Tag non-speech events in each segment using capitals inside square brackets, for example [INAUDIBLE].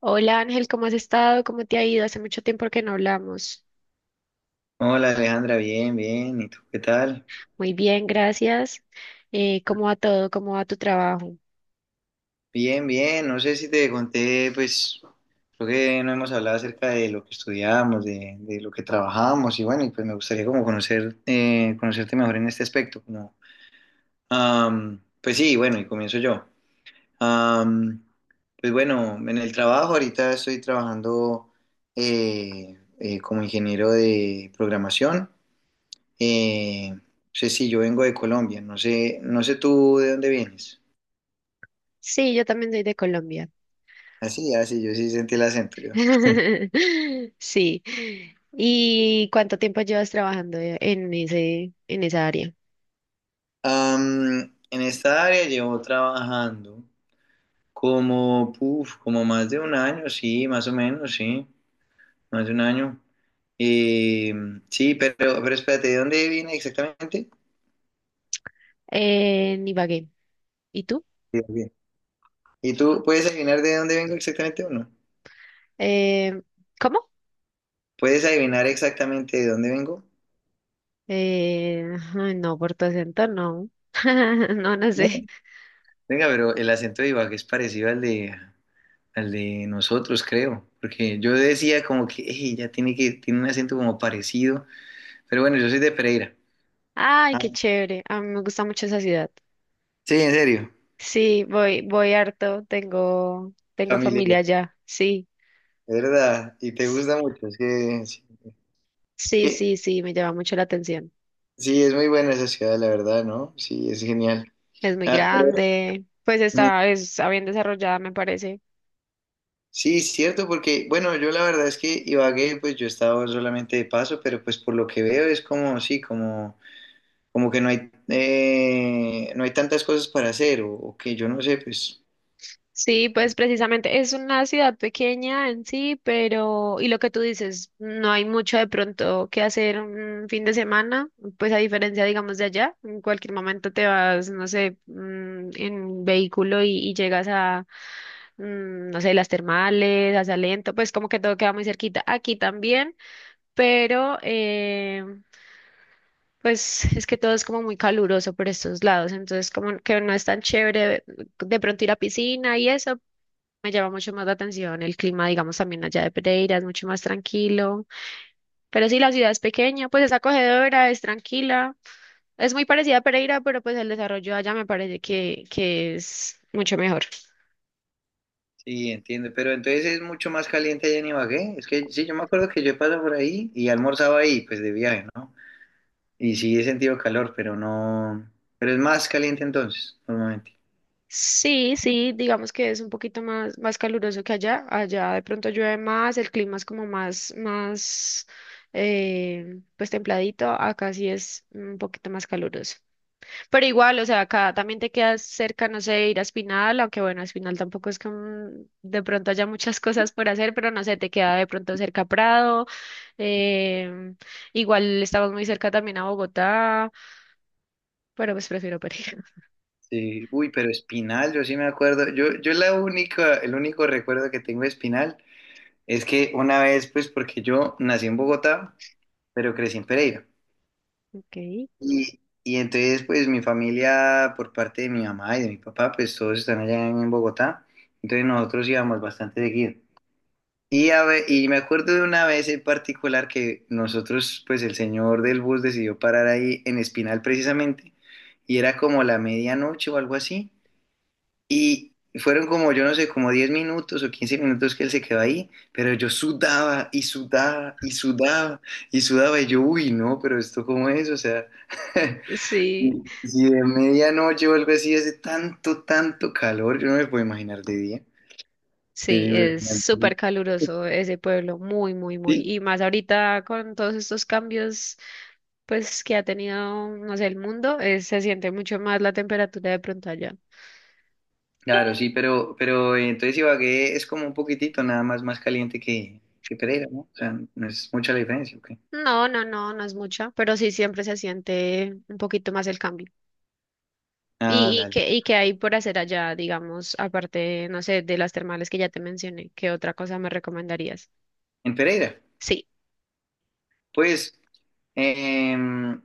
Hola Ángel, ¿cómo has estado? ¿Cómo te ha ido? Hace mucho tiempo que no hablamos. Hola Alejandra, bien, bien. ¿Y tú qué tal? Muy bien, gracias. ¿Cómo va todo? ¿Cómo va tu trabajo? Bien, bien. No sé si te conté, pues creo que no hemos hablado acerca de lo que estudiamos, de lo que trabajamos y bueno, y pues me gustaría como conocer, conocerte mejor en este aspecto. Pues sí, bueno, y comienzo yo. Am, pues bueno, en el trabajo ahorita estoy trabajando como ingeniero de programación. No sé, si yo vengo de Colombia, no sé, no sé tú de dónde vienes. Sí, yo también soy de Colombia. Así, así, yo sí sentí el acento yo. [LAUGHS] Sí. ¿Y cuánto tiempo llevas trabajando en esa área? En esta área llevo trabajando como, puf, como más de un año, sí, más o menos, sí, más de un año. Eh, sí, pero espérate, ¿de dónde viene exactamente? En Ibagué. ¿Y tú? Sí, bien. ¿Y tú puedes adivinar de dónde vengo exactamente o no? Eh, ¿cómo? ¿Puedes adivinar exactamente de dónde vengo? Eh, ay, no, por tu acento no. [LAUGHS] No, no No. sé. Venga, pero el acento de Ibagué es parecido al de nosotros, creo, porque yo decía como que "Ey, ya tiene que, tiene un acento como parecido". Pero bueno, yo soy de Pereira. Ay, Ah, qué chévere. A mí me gusta mucho esa ciudad. sí, en serio. Sí, voy harto, tengo Familia, de familia allá, sí. verdad. Y te S- gusta mucho. Es que, sí, Sí, que- sí, sí, me llama mucho la atención. sí, es muy buena esa ciudad, la verdad, ¿no? Sí, es genial. Es muy Ah, pero, grande, pues mm, está bien desarrollada, me parece. sí, es cierto, porque, bueno, yo la verdad es que Ibagué, pues yo he estado solamente de paso, pero pues por lo que veo es como, sí, como, como que no hay, no hay tantas cosas para hacer, o que yo no sé, pues. Sí, pues precisamente es una ciudad pequeña en sí, pero, y lo que tú dices, no hay mucho de pronto que hacer un fin de semana, pues a diferencia, digamos, de allá, en cualquier momento te vas, no sé, en vehículo y llegas a no sé, las termales, hacia lento, pues como que todo queda muy cerquita. Aquí también, pero pues es que todo es como muy caluroso por estos lados, entonces como que no es tan chévere de pronto ir a piscina y eso. Me llama mucho más la atención el clima, digamos, también allá de Pereira, es mucho más tranquilo. Pero sí, la ciudad es pequeña, pues es acogedora, es tranquila. Es muy parecida a Pereira, pero pues el desarrollo allá me parece que es mucho mejor. Sí, entiendo, pero entonces es mucho más caliente allá en Ibagué. Es que sí, yo me acuerdo que yo he pasado por ahí y almorzaba ahí, pues de viaje, ¿no? Y sí he sentido calor, pero no. Pero es más caliente entonces, normalmente. Sí, sí, digamos que es un poquito más caluroso que allá. Allá de pronto llueve más, el clima es como más, pues templadito. Acá sí es un poquito más caluroso. Pero igual, o sea, acá también te quedas cerca, no sé, ir a Espinal, aunque bueno, Espinal tampoco es que de pronto haya muchas [LAUGHS] cosas por hacer, pero no sé, te queda de pronto cerca Prado. em, Igual estamos muy cerca también a Bogotá, pero pues prefiero Pereira. [LAUGHS] Sí. Uy, pero Espinal, yo sí me acuerdo. Yo la única, el único recuerdo que tengo de Espinal es que una vez, pues, porque yo nací en Bogotá, pero crecí en Pereira. Ok. Y entonces, pues, mi familia, por parte de mi mamá y de mi papá, pues, todos están allá en Bogotá. Entonces, nosotros íbamos bastante seguido. Y, y me acuerdo de una vez en particular que nosotros, pues el señor del bus decidió parar ahí en Espinal precisamente, y era como la medianoche o algo así, y fueron como, yo no sé, como 10 minutos o 15 minutos que él se quedó ahí, pero yo sudaba y sudaba y sudaba y sudaba, y yo, uy, no, pero esto cómo es, o sea, Sí. [LAUGHS] si de medianoche o algo así hace tanto, tanto calor, yo no me puedo imaginar de día, Sí, era es súper impresionante. caluroso ese pueblo, muy, muy, muy. Sí, Y más ahorita con todos estos cambios, pues que ha tenido, no sé, el mundo, se siente mucho más la temperatura de pronto allá. claro, sí, pero entonces Ibagué es como un poquitito nada más más caliente que Pereira, ¿no? O sea, no es mucha la diferencia, ¿ok? No, no, no, no es mucha, pero sí siempre se siente un poquito más el cambio. Ah, ¿Y, y dale. qué, y qué hay por hacer allá, digamos, aparte, no sé, de las termales que ya te mencioné? ¿Qué otra cosa me recomendarías? En Pereira, Sí. pues, em,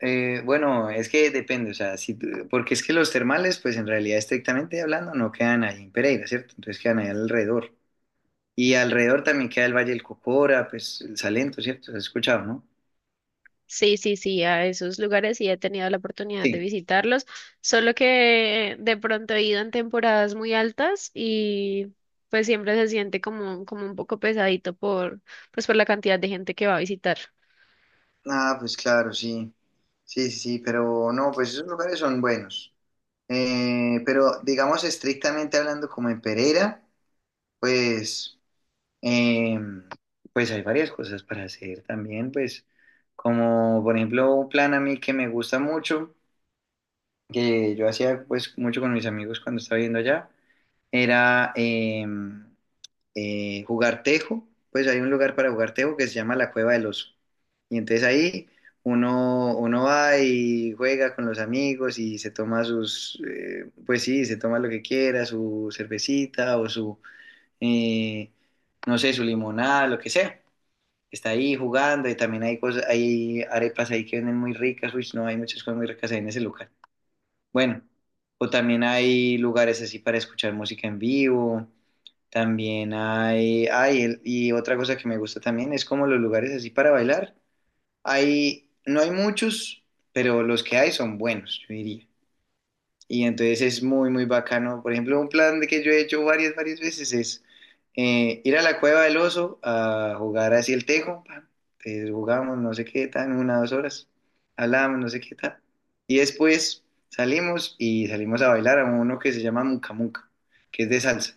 bueno, es que depende, o sea, si, tú- porque es que los termales, pues en realidad estrictamente hablando, no quedan ahí en Pereira, ¿cierto? Entonces quedan ahí alrededor. Y alrededor también queda el Valle del Cocora, pues el Salento, ¿cierto? ¿Has escuchado, no? Sí, sí, sí, a esos lugares sí he tenido la oportunidad de Sí. visitarlos, solo que de pronto he ido en temporadas muy altas y pues siempre se siente como un poco pesadito por, pues por la cantidad de gente que va a visitar. Ah, pues claro, sí. Sí, sí, sí, pero no, pues esos lugares son buenos. Pero digamos estrictamente hablando como en Pereira, pues, eh, pues hay varias cosas para hacer también, pues como por ejemplo un plan a mí que me gusta mucho, que yo hacía pues mucho con mis amigos cuando estaba viviendo allá, era jugar tejo, pues hay un lugar para jugar tejo que se llama la Cueva del Oso. Y entonces ahí uno va y juega con los amigos y se toma sus, pues sí, se toma lo que quiera, su cervecita o su, eh, no sé, su limonada, lo que sea. Está ahí jugando y también hay cosas, hay arepas ahí que venden muy ricas, uy, no, hay muchas cosas muy ricas ahí en ese lugar. Bueno, o también hay lugares así para escuchar música en vivo. También hay y otra cosa que me gusta también es como los lugares así para bailar. Hay, no hay muchos, pero los que hay son buenos, yo diría. Y entonces es muy, muy bacano. Por ejemplo, un plan de que yo he hecho varias, varias veces es ir a la Cueva del Oso a jugar así el tejo. Pam. Entonces jugamos no sé qué tan, una, 2 horas. Hablamos no sé qué tal. Y después salimos y salimos a bailar a uno que se llama Muca Muca, que es de salsa.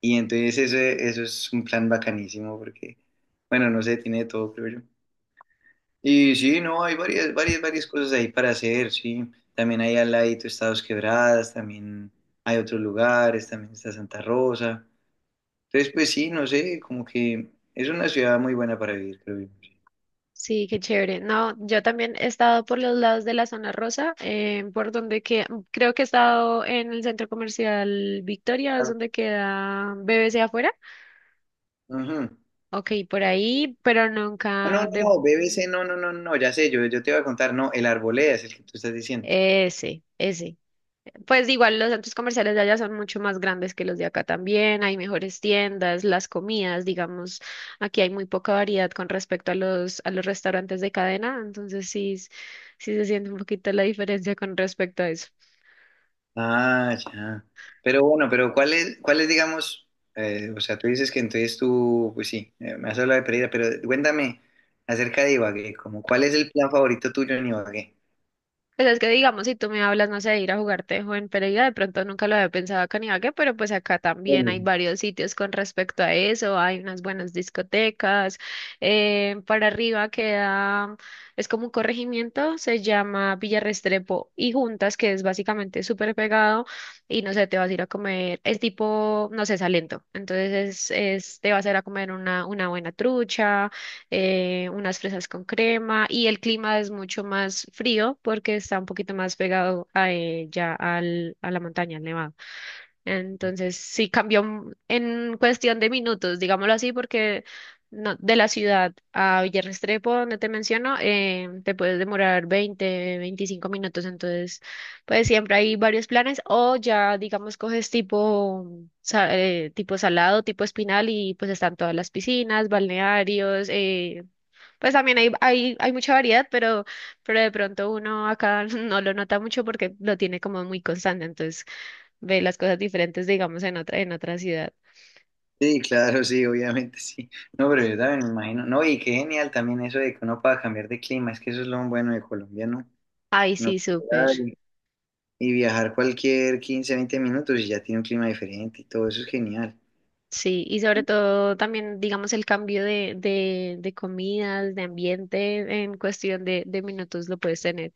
Y entonces eso es un plan bacanísimo porque, bueno, no sé, tiene de todo, creo yo. Y sí, no, hay varias, varias, varias cosas ahí para hacer, sí. También hay al ladito Estados Quebradas, también hay otros lugares, también está Santa Rosa. Entonces, pues sí, no sé, como que es una ciudad muy buena para vivir, creo yo. Sí, qué chévere. No, yo también he estado por los lados de la zona rosa, por donde que creo que he estado en el centro comercial Victoria, es Ah, donde queda BBC afuera. ujú. Ok, por ahí, pero Ah, no, nunca no, de no, BBC, no, no, no, no, ya sé, yo te iba a contar, no, el Arboleda es el que tú estás diciendo. ese, ese. Pues igual los centros comerciales de allá son mucho más grandes que los de acá también, hay mejores tiendas, las comidas, digamos, aquí hay muy poca variedad con respecto a a los restaurantes de cadena, entonces sí, sí se siente un poquito la diferencia con respecto a eso. Ah, ya. Pero bueno, pero ¿cuál es, digamos, o sea, tú dices que entonces tú, pues sí, me has hablado de Pereira, pero cuéntame acerca de Ibagué, como cuál es el plan favorito tuyo en Ibagué? Pues es que digamos, si tú me hablas, no sé, de ir a jugar tejo en Pereira, de pronto nunca lo había pensado acá en Ibagué, pero pues acá también hay Bueno, varios sitios con respecto a eso, hay unas buenas discotecas, para arriba queda, es como un corregimiento, se llama Villa Restrepo y Juntas, que es básicamente súper pegado, y no sé, te vas a ir a comer, es tipo, no sé, Salento, entonces te vas a ir a comer una buena trucha, unas fresas con crema y el clima es mucho más frío porque está un poquito más pegado a, ya al, a la montaña, al nevado. Entonces sí en cuestión de minutos, digámoslo así, porque de la ciudad a Villarrestrepo, donde te menciono, te puedes demorar 20-25 minutos, entonces pues siempre hay varios planes o ya digamos coges tipo tipo salado, tipo espinal y pues están todas las piscinas, balnearios, pues también hay mucha variedad, pero de pronto uno acá [LAUGHS] no lo nota mucho porque lo tiene como muy constante, entonces ve las cosas diferentes, digamos, en otra ciudad. sí, claro, sí, obviamente sí. No, pero yo también me imagino. No, y qué genial también eso de que uno pueda cambiar de clima, es que eso es lo bueno de Colombia, ¿no? Ay, Que uno sí, puede súper. llegar y viajar cualquier 15, 20 minutos y ya tiene un clima diferente y todo eso es genial. Sí, y sobre todo también, digamos, el cambio de comidas, de ambiente, en cuestión de minutos lo puedes tener.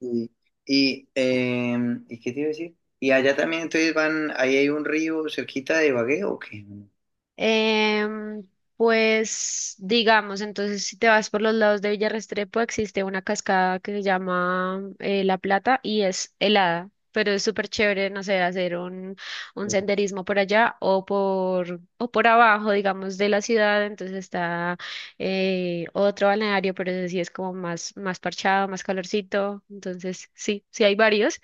Y, ¿Y qué te iba a decir? Y allá también entonces van, ahí hay un río cerquita de Ibagué, ¿o qué? Em, pues digamos, entonces si te vas por los lados de Villarrestrepo existe una cascada que se llama La Plata y es helada, pero es súper chévere, no sé, hacer un senderismo por allá o por abajo, digamos, de la ciudad, entonces está otro balneario, pero ese sí es como más, parchado, más calorcito, entonces sí, sí hay varios,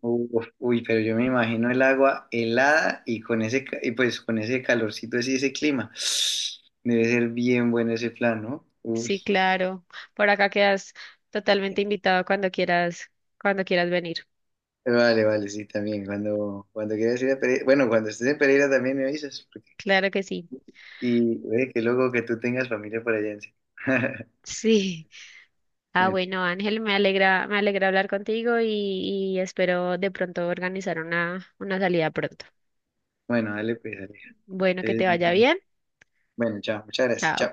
Uf, uy, pero yo me imagino el agua helada y con ese, y pues con ese calorcito así, ese clima. [SIGHS] Debe ser bien bueno ese plan, ¿no? sí, Uy. claro, por acá quedas totalmente invitado cuando quieras venir. Vale, vale, sí, también. Cuando quieras ir a Pereira, bueno, cuando estés en Pereira también me avisas. Claro que sí. [LAUGHS] Y que luego que tú tengas familia por allá en sí. [LAUGHS] Sí. Ah, Bien. bueno, Ángel, me alegra hablar contigo y espero de pronto organizar una salida pronto. Bueno, dale pues, dale. Bueno, que te vaya bien. Bueno, chao. Muchas gracias. Chao. Chao.